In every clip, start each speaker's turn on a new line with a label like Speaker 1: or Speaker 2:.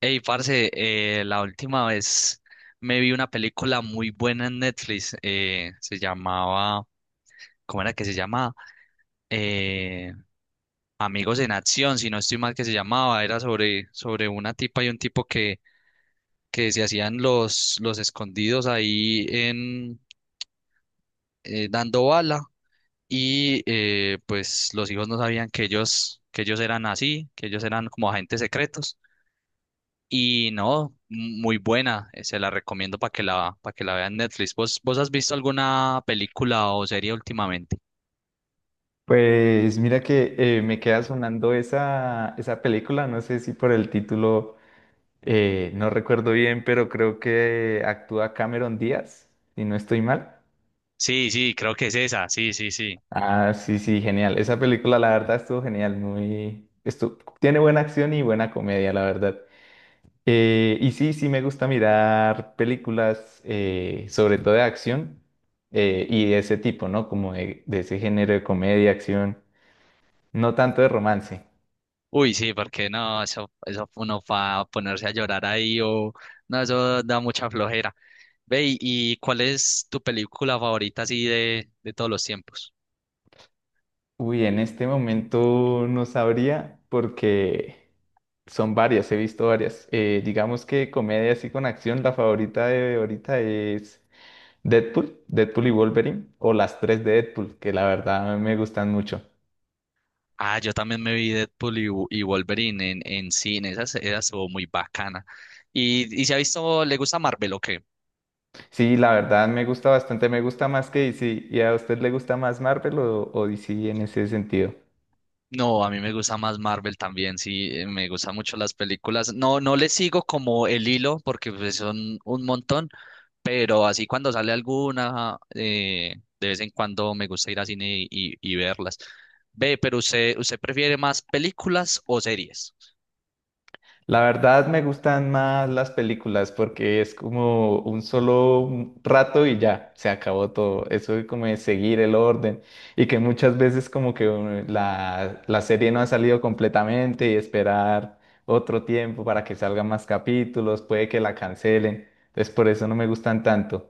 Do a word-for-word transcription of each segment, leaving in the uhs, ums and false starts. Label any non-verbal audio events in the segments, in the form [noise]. Speaker 1: Hey, parce, eh, la última vez me vi una película muy buena en Netflix. Eh, se llamaba, ¿cómo era que se llamaba? Eh, Amigos en Acción, si no estoy mal que se llamaba. Era sobre, sobre una tipa y un tipo que, que se hacían los, los escondidos ahí en eh, dando bala. Y eh, pues los hijos no sabían que ellos, que ellos eran así, que ellos eran como agentes secretos. Y no, muy buena, eh, se la recomiendo para que la, para que la vean en Netflix. ¿Vos, vos has visto alguna película o serie últimamente?
Speaker 2: Pues mira que eh, me queda sonando esa, esa película, no sé si por el título, eh, no recuerdo bien, pero creo que actúa Cameron Díaz, si no estoy mal.
Speaker 1: Sí, sí, creo que es esa, sí, sí, sí.
Speaker 2: Ah, sí, sí, genial. Esa película la verdad estuvo genial, muy... estu- Tiene buena acción y buena comedia, la verdad. Eh, y sí, sí me gusta mirar películas, eh, sobre todo de acción eh, y de ese tipo, ¿no? Como de de ese género de comedia, acción, no tanto de romance.
Speaker 1: Uy, sí, porque no, eso, eso uno va a ponerse a llorar ahí o no, eso da mucha flojera. Ve, ¿y y cuál es tu película favorita así de, de todos los tiempos?
Speaker 2: Uy, en este momento no sabría porque son varias, he visto varias. Eh, digamos que comedia así con acción, la favorita de ahorita es Deadpool, Deadpool y Wolverine, o las tres de Deadpool, que la verdad me gustan mucho.
Speaker 1: Ah, yo también me vi Deadpool y, Wo- y Wolverine en, en cine, esa, se- esa estuvo muy bacana. ¿Y, y se ha visto, le gusta Marvel o qué?
Speaker 2: Sí, la verdad me gusta bastante, me gusta más que D C. ¿Y a usted le gusta más Marvel o, o D C en ese sentido?
Speaker 1: No, a mí me gusta más Marvel también, sí, eh, me gustan mucho las películas. No, no le sigo como el hilo porque pues, son un montón, pero así cuando sale alguna, eh, de vez en cuando me gusta ir al cine y, y- y verlas. Ve, pero usted, ¿usted prefiere más películas o series?
Speaker 2: La verdad me gustan más las películas porque es como un solo rato y ya, se acabó todo. Eso de como de seguir el orden y que muchas veces como que uh, la, la serie no ha salido completamente y esperar otro tiempo para que salgan más capítulos, puede que la cancelen. Entonces por eso no me gustan tanto.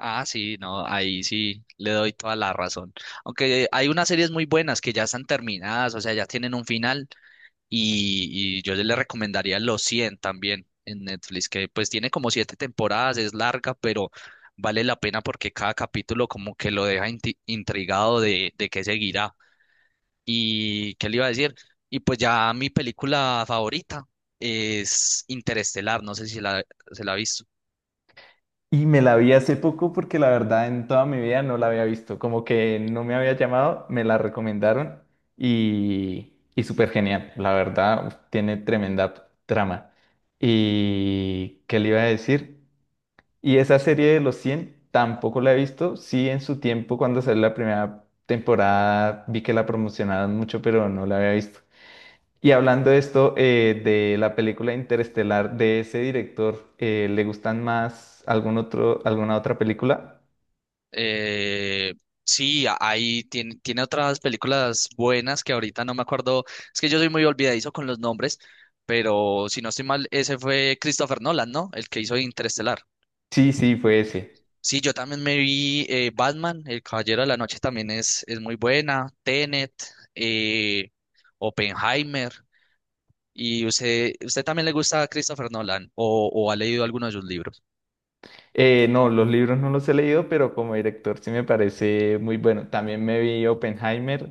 Speaker 1: Ah, sí, no, ahí sí le doy toda la razón. Aunque hay unas series muy buenas que ya están terminadas, o sea, ya tienen un final y y yo le recomendaría Los cien también en Netflix, que pues tiene como siete temporadas, es larga, pero vale la pena porque cada capítulo como que lo deja inti- intrigado de, de qué seguirá. ¿Y qué le iba a decir? Y pues ya mi película favorita es Interestelar, no sé si la, se la ha visto.
Speaker 2: Y me la vi hace poco porque la verdad en toda mi vida no la había visto, como que no me había llamado, me la recomendaron y, y súper genial, la verdad uf, tiene tremenda trama. ¿Y qué le iba a decir? Y esa serie de los cien tampoco la he visto, sí en su tiempo cuando salió la primera temporada vi que la promocionaron mucho, pero no la había visto. Y hablando de esto, eh, de la película Interestelar de ese director, eh, ¿le gustan más algún otro, alguna otra película?
Speaker 1: Eh, sí, a- ahí tiene, tiene otras películas buenas que ahorita no me acuerdo. Es que yo soy muy olvidadizo con los nombres, pero si no estoy mal, ese fue Christopher Nolan, ¿no? El que hizo Interestelar.
Speaker 2: Sí, sí, fue ese.
Speaker 1: Sí, yo también me vi eh, Batman, El Caballero de la Noche también es, es muy buena, Tenet, eh, Oppenheimer. ¿Y usted, usted también le gusta a Christopher Nolan o, o ha leído alguno de sus libros?
Speaker 2: Eh, no, los libros no los he leído, pero como director sí me parece muy bueno. También me vi Oppenheimer,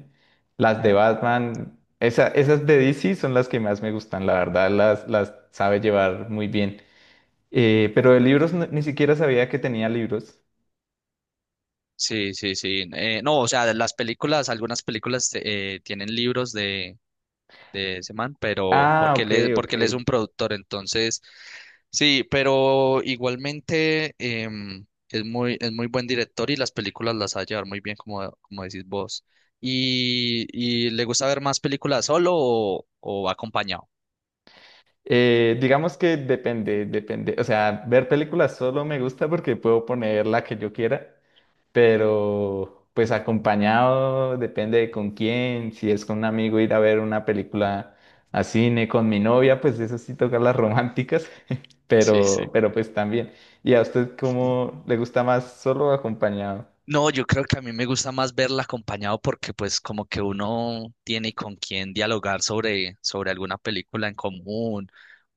Speaker 2: las de Batman, esa- esas de D C son las que más me gustan, la verdad, las, las sabe llevar muy bien. Eh, pero de libros no- ni siquiera sabía que tenía libros.
Speaker 1: Sí, sí, sí. Eh, no, o sea, de las películas, algunas películas eh, tienen libros de, de ese man, pero
Speaker 2: Ah,
Speaker 1: porque él
Speaker 2: ok,
Speaker 1: es,
Speaker 2: ok.
Speaker 1: porque él es un productor, entonces sí, pero igualmente em, es muy, es muy buen director y las películas las sabe llevar muy bien, como, como decís vos. ¿Y, y le gusta ver más películas solo o, o acompañado?
Speaker 2: Eh, digamos que depende, depende. O sea, ver películas solo me gusta porque puedo poner la que yo quiera, pero pues acompañado depende de con quién. Si es con un amigo ir a ver una película a cine con mi novia, pues eso sí toca las románticas, [laughs]
Speaker 1: Sí,
Speaker 2: pero,
Speaker 1: sí.
Speaker 2: pero pues también. ¿Y a usted cómo le gusta más solo o acompañado?
Speaker 1: No, yo creo que a mí me gusta más verla acompañado porque pues como que uno tiene con quién dialogar sobre, sobre alguna película en común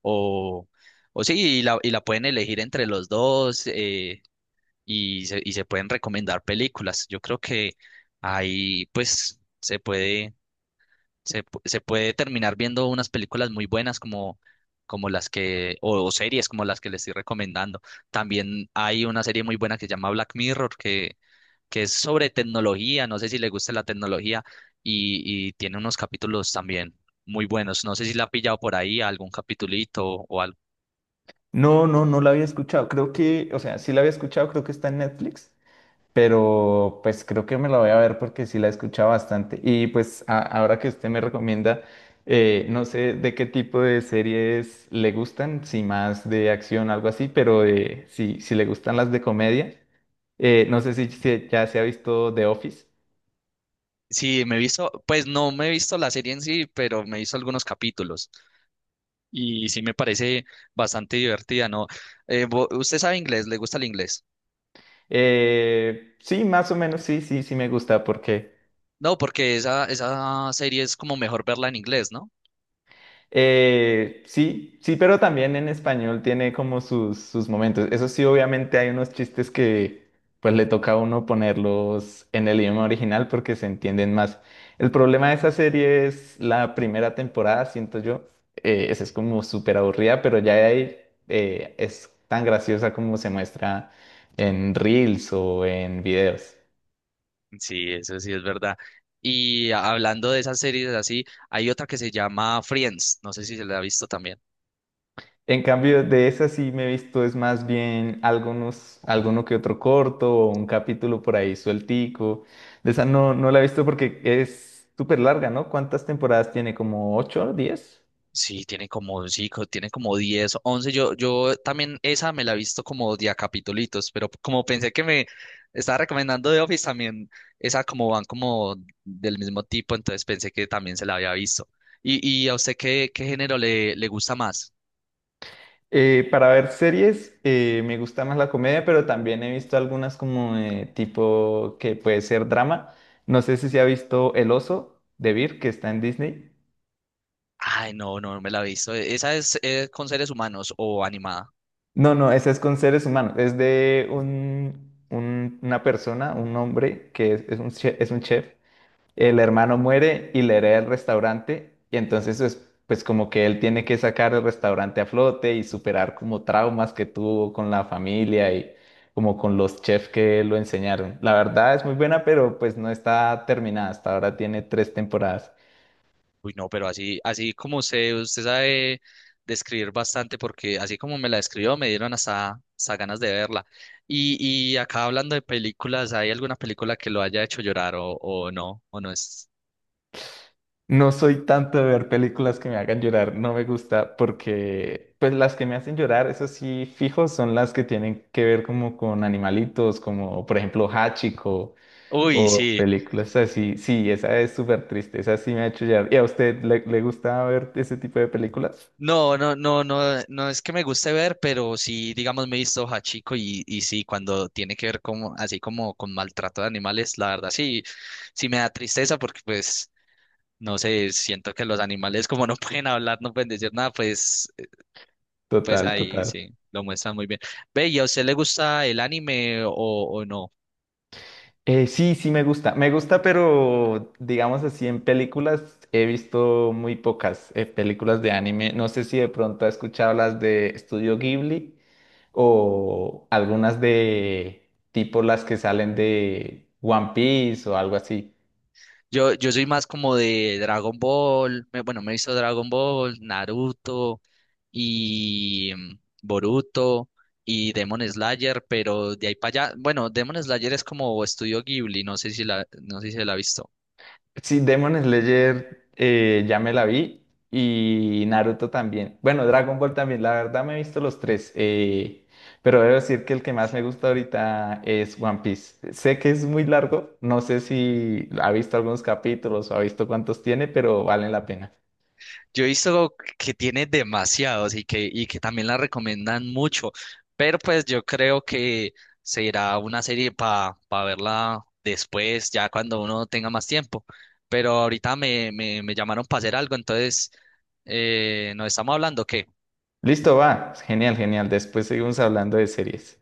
Speaker 1: o, o sí, y la, y la pueden elegir entre los dos. Eh, y se, y se pueden recomendar películas. Yo creo que ahí pues se puede, se, pu- se puede terminar viendo unas películas muy buenas como, como las que, o, o series como las que le estoy recomendando. También hay una serie muy buena que se llama Black Mirror, que, que es sobre tecnología, no sé si le gusta la tecnología, y, y tiene unos capítulos también muy buenos. No sé si la ha pillado por ahí algún capitulito o algo.
Speaker 2: No, no, no la había escuchado. Creo que, o sea, sí la había escuchado, creo que está en Netflix. Pero pues creo que me la voy a ver porque sí la he escuchado bastante. Y pues a- ahora que usted me recomienda, eh, no sé de qué tipo de series le gustan, si más de acción, algo así, pero eh, si, si le gustan las de comedia, eh, no sé si, se- ya se ha visto The Office.
Speaker 1: Sí, me he visto, pues no me he visto la serie en sí, pero me he visto algunos capítulos. Y sí me parece bastante divertida, ¿no? Eh, vo- ¿usted sabe inglés? ¿Le gusta el inglés?
Speaker 2: Eh, sí, más o menos, sí, sí, sí me gusta porque...
Speaker 1: No, porque esa, esa serie es como mejor verla en inglés, ¿no?
Speaker 2: Eh, sí, sí, pero también en español tiene como sus, sus momentos. Eso sí, obviamente hay unos chistes que pues le toca a uno ponerlos en el idioma original porque se entienden más. El problema de esa serie es la primera temporada, siento yo. Eh, esa es como súper aburrida, pero ya de ahí eh, es tan graciosa como se muestra en reels o en videos.
Speaker 1: Sí, eso sí es verdad. Y hablando de esas series así, hay otra que se llama Friends, no sé si se la ha visto también.
Speaker 2: En cambio, de esas sí me he visto, es más bien algunos, alguno que otro corto o un capítulo por ahí sueltico. De esa no, no la he visto porque es súper larga, ¿no? ¿Cuántas temporadas tiene? ¿Como ocho o diez?
Speaker 1: Sí, tiene como, sí, co- tiene como diez, once. Yo, yo también esa me la he visto como de a capitulitos, pero como pensé que me estaba recomendando The Office, también esa como van como del mismo tipo, entonces pensé que también se la había visto. ¿Y, y a usted qué, qué género le, le gusta más?
Speaker 2: Eh, para ver series, eh, me gusta más la comedia, pero también he visto algunas como eh, tipo que puede ser drama. No sé si se ha visto El Oso de Vir, que está en Disney.
Speaker 1: Ay, no, no no me la he visto. ¿E-, ¿Esa es eh, con seres humanos o animada?
Speaker 2: No, no, ese es con seres humanos. Es de un, un- una persona, un hombre que es, es un chef, es un chef. El hermano muere y le hereda el restaurante. Y entonces es pues como que él tiene que sacar el restaurante a flote y superar como traumas que tuvo con la familia y como con los chefs que lo enseñaron. La verdad es muy buena, pero pues no está terminada. Hasta ahora tiene tres temporadas.
Speaker 1: Uy, no, pero así, así como usted, usted sabe describir bastante, porque así como me la describió, me dieron hasta, hasta ganas de verla. Y, y acá hablando de películas, ¿hay alguna película que lo haya hecho llorar o, o no? ¿O no es?
Speaker 2: No soy tanto de ver películas que me hagan llorar, no me gusta porque pues las que me hacen llorar, eso sí, fijo, son las que tienen que ver como con animalitos, como por ejemplo Hachiko
Speaker 1: Uy,
Speaker 2: o
Speaker 1: sí.
Speaker 2: películas así. Sí, esa es súper triste, esa sí me ha hecho llorar. ¿Y a usted le, le gusta ver ese tipo de películas?
Speaker 1: No, no, no, no, no es que me guste ver, pero sí, digamos, me he visto Hachiko y, y sí, cuando tiene que ver como, así como con maltrato de animales, la verdad sí, sí me da tristeza porque pues, no sé, siento que los animales como no [laughs] pueden hablar, no pueden decir nada, pues pues
Speaker 2: Total,
Speaker 1: ahí
Speaker 2: total.
Speaker 1: sí, lo muestran muy bien. Ve, ¿y a usted le gusta el anime o, o no?
Speaker 2: Eh, sí, sí me gusta. Me gusta, pero digamos así, en películas he visto muy pocas eh, películas de anime. No sé si de pronto has escuchado las de Estudio Ghibli o algunas de tipo las que salen de One Piece o algo así.
Speaker 1: Yo, yo soy más como de Dragon Ball, me- bueno, me he visto Dragon Ball, Naruto y mm, Boruto y Demon Slayer, pero de ahí para allá, bueno, Demon Slayer es como estudio Ghibli, no sé si la, no sé si la ha visto.
Speaker 2: Sí, Demon Slayer eh, ya me la vi y Naruto también. Bueno, Dragon Ball también, la verdad me he visto los tres, eh, pero debo decir que el que más me gusta ahorita es One Piece. Sé que es muy largo, no sé si ha visto algunos capítulos o ha visto cuántos tiene, pero valen la pena.
Speaker 1: Yo he visto que tiene demasiados y que, y que también la recomiendan mucho, pero pues yo creo que será una serie para verla después, ya cuando uno tenga más tiempo. Pero ahorita me, me, me llamaron para hacer algo, entonces eh, nos estamos hablando, ¿qué?
Speaker 2: Listo, va. Genial, genial. Después seguimos hablando de series.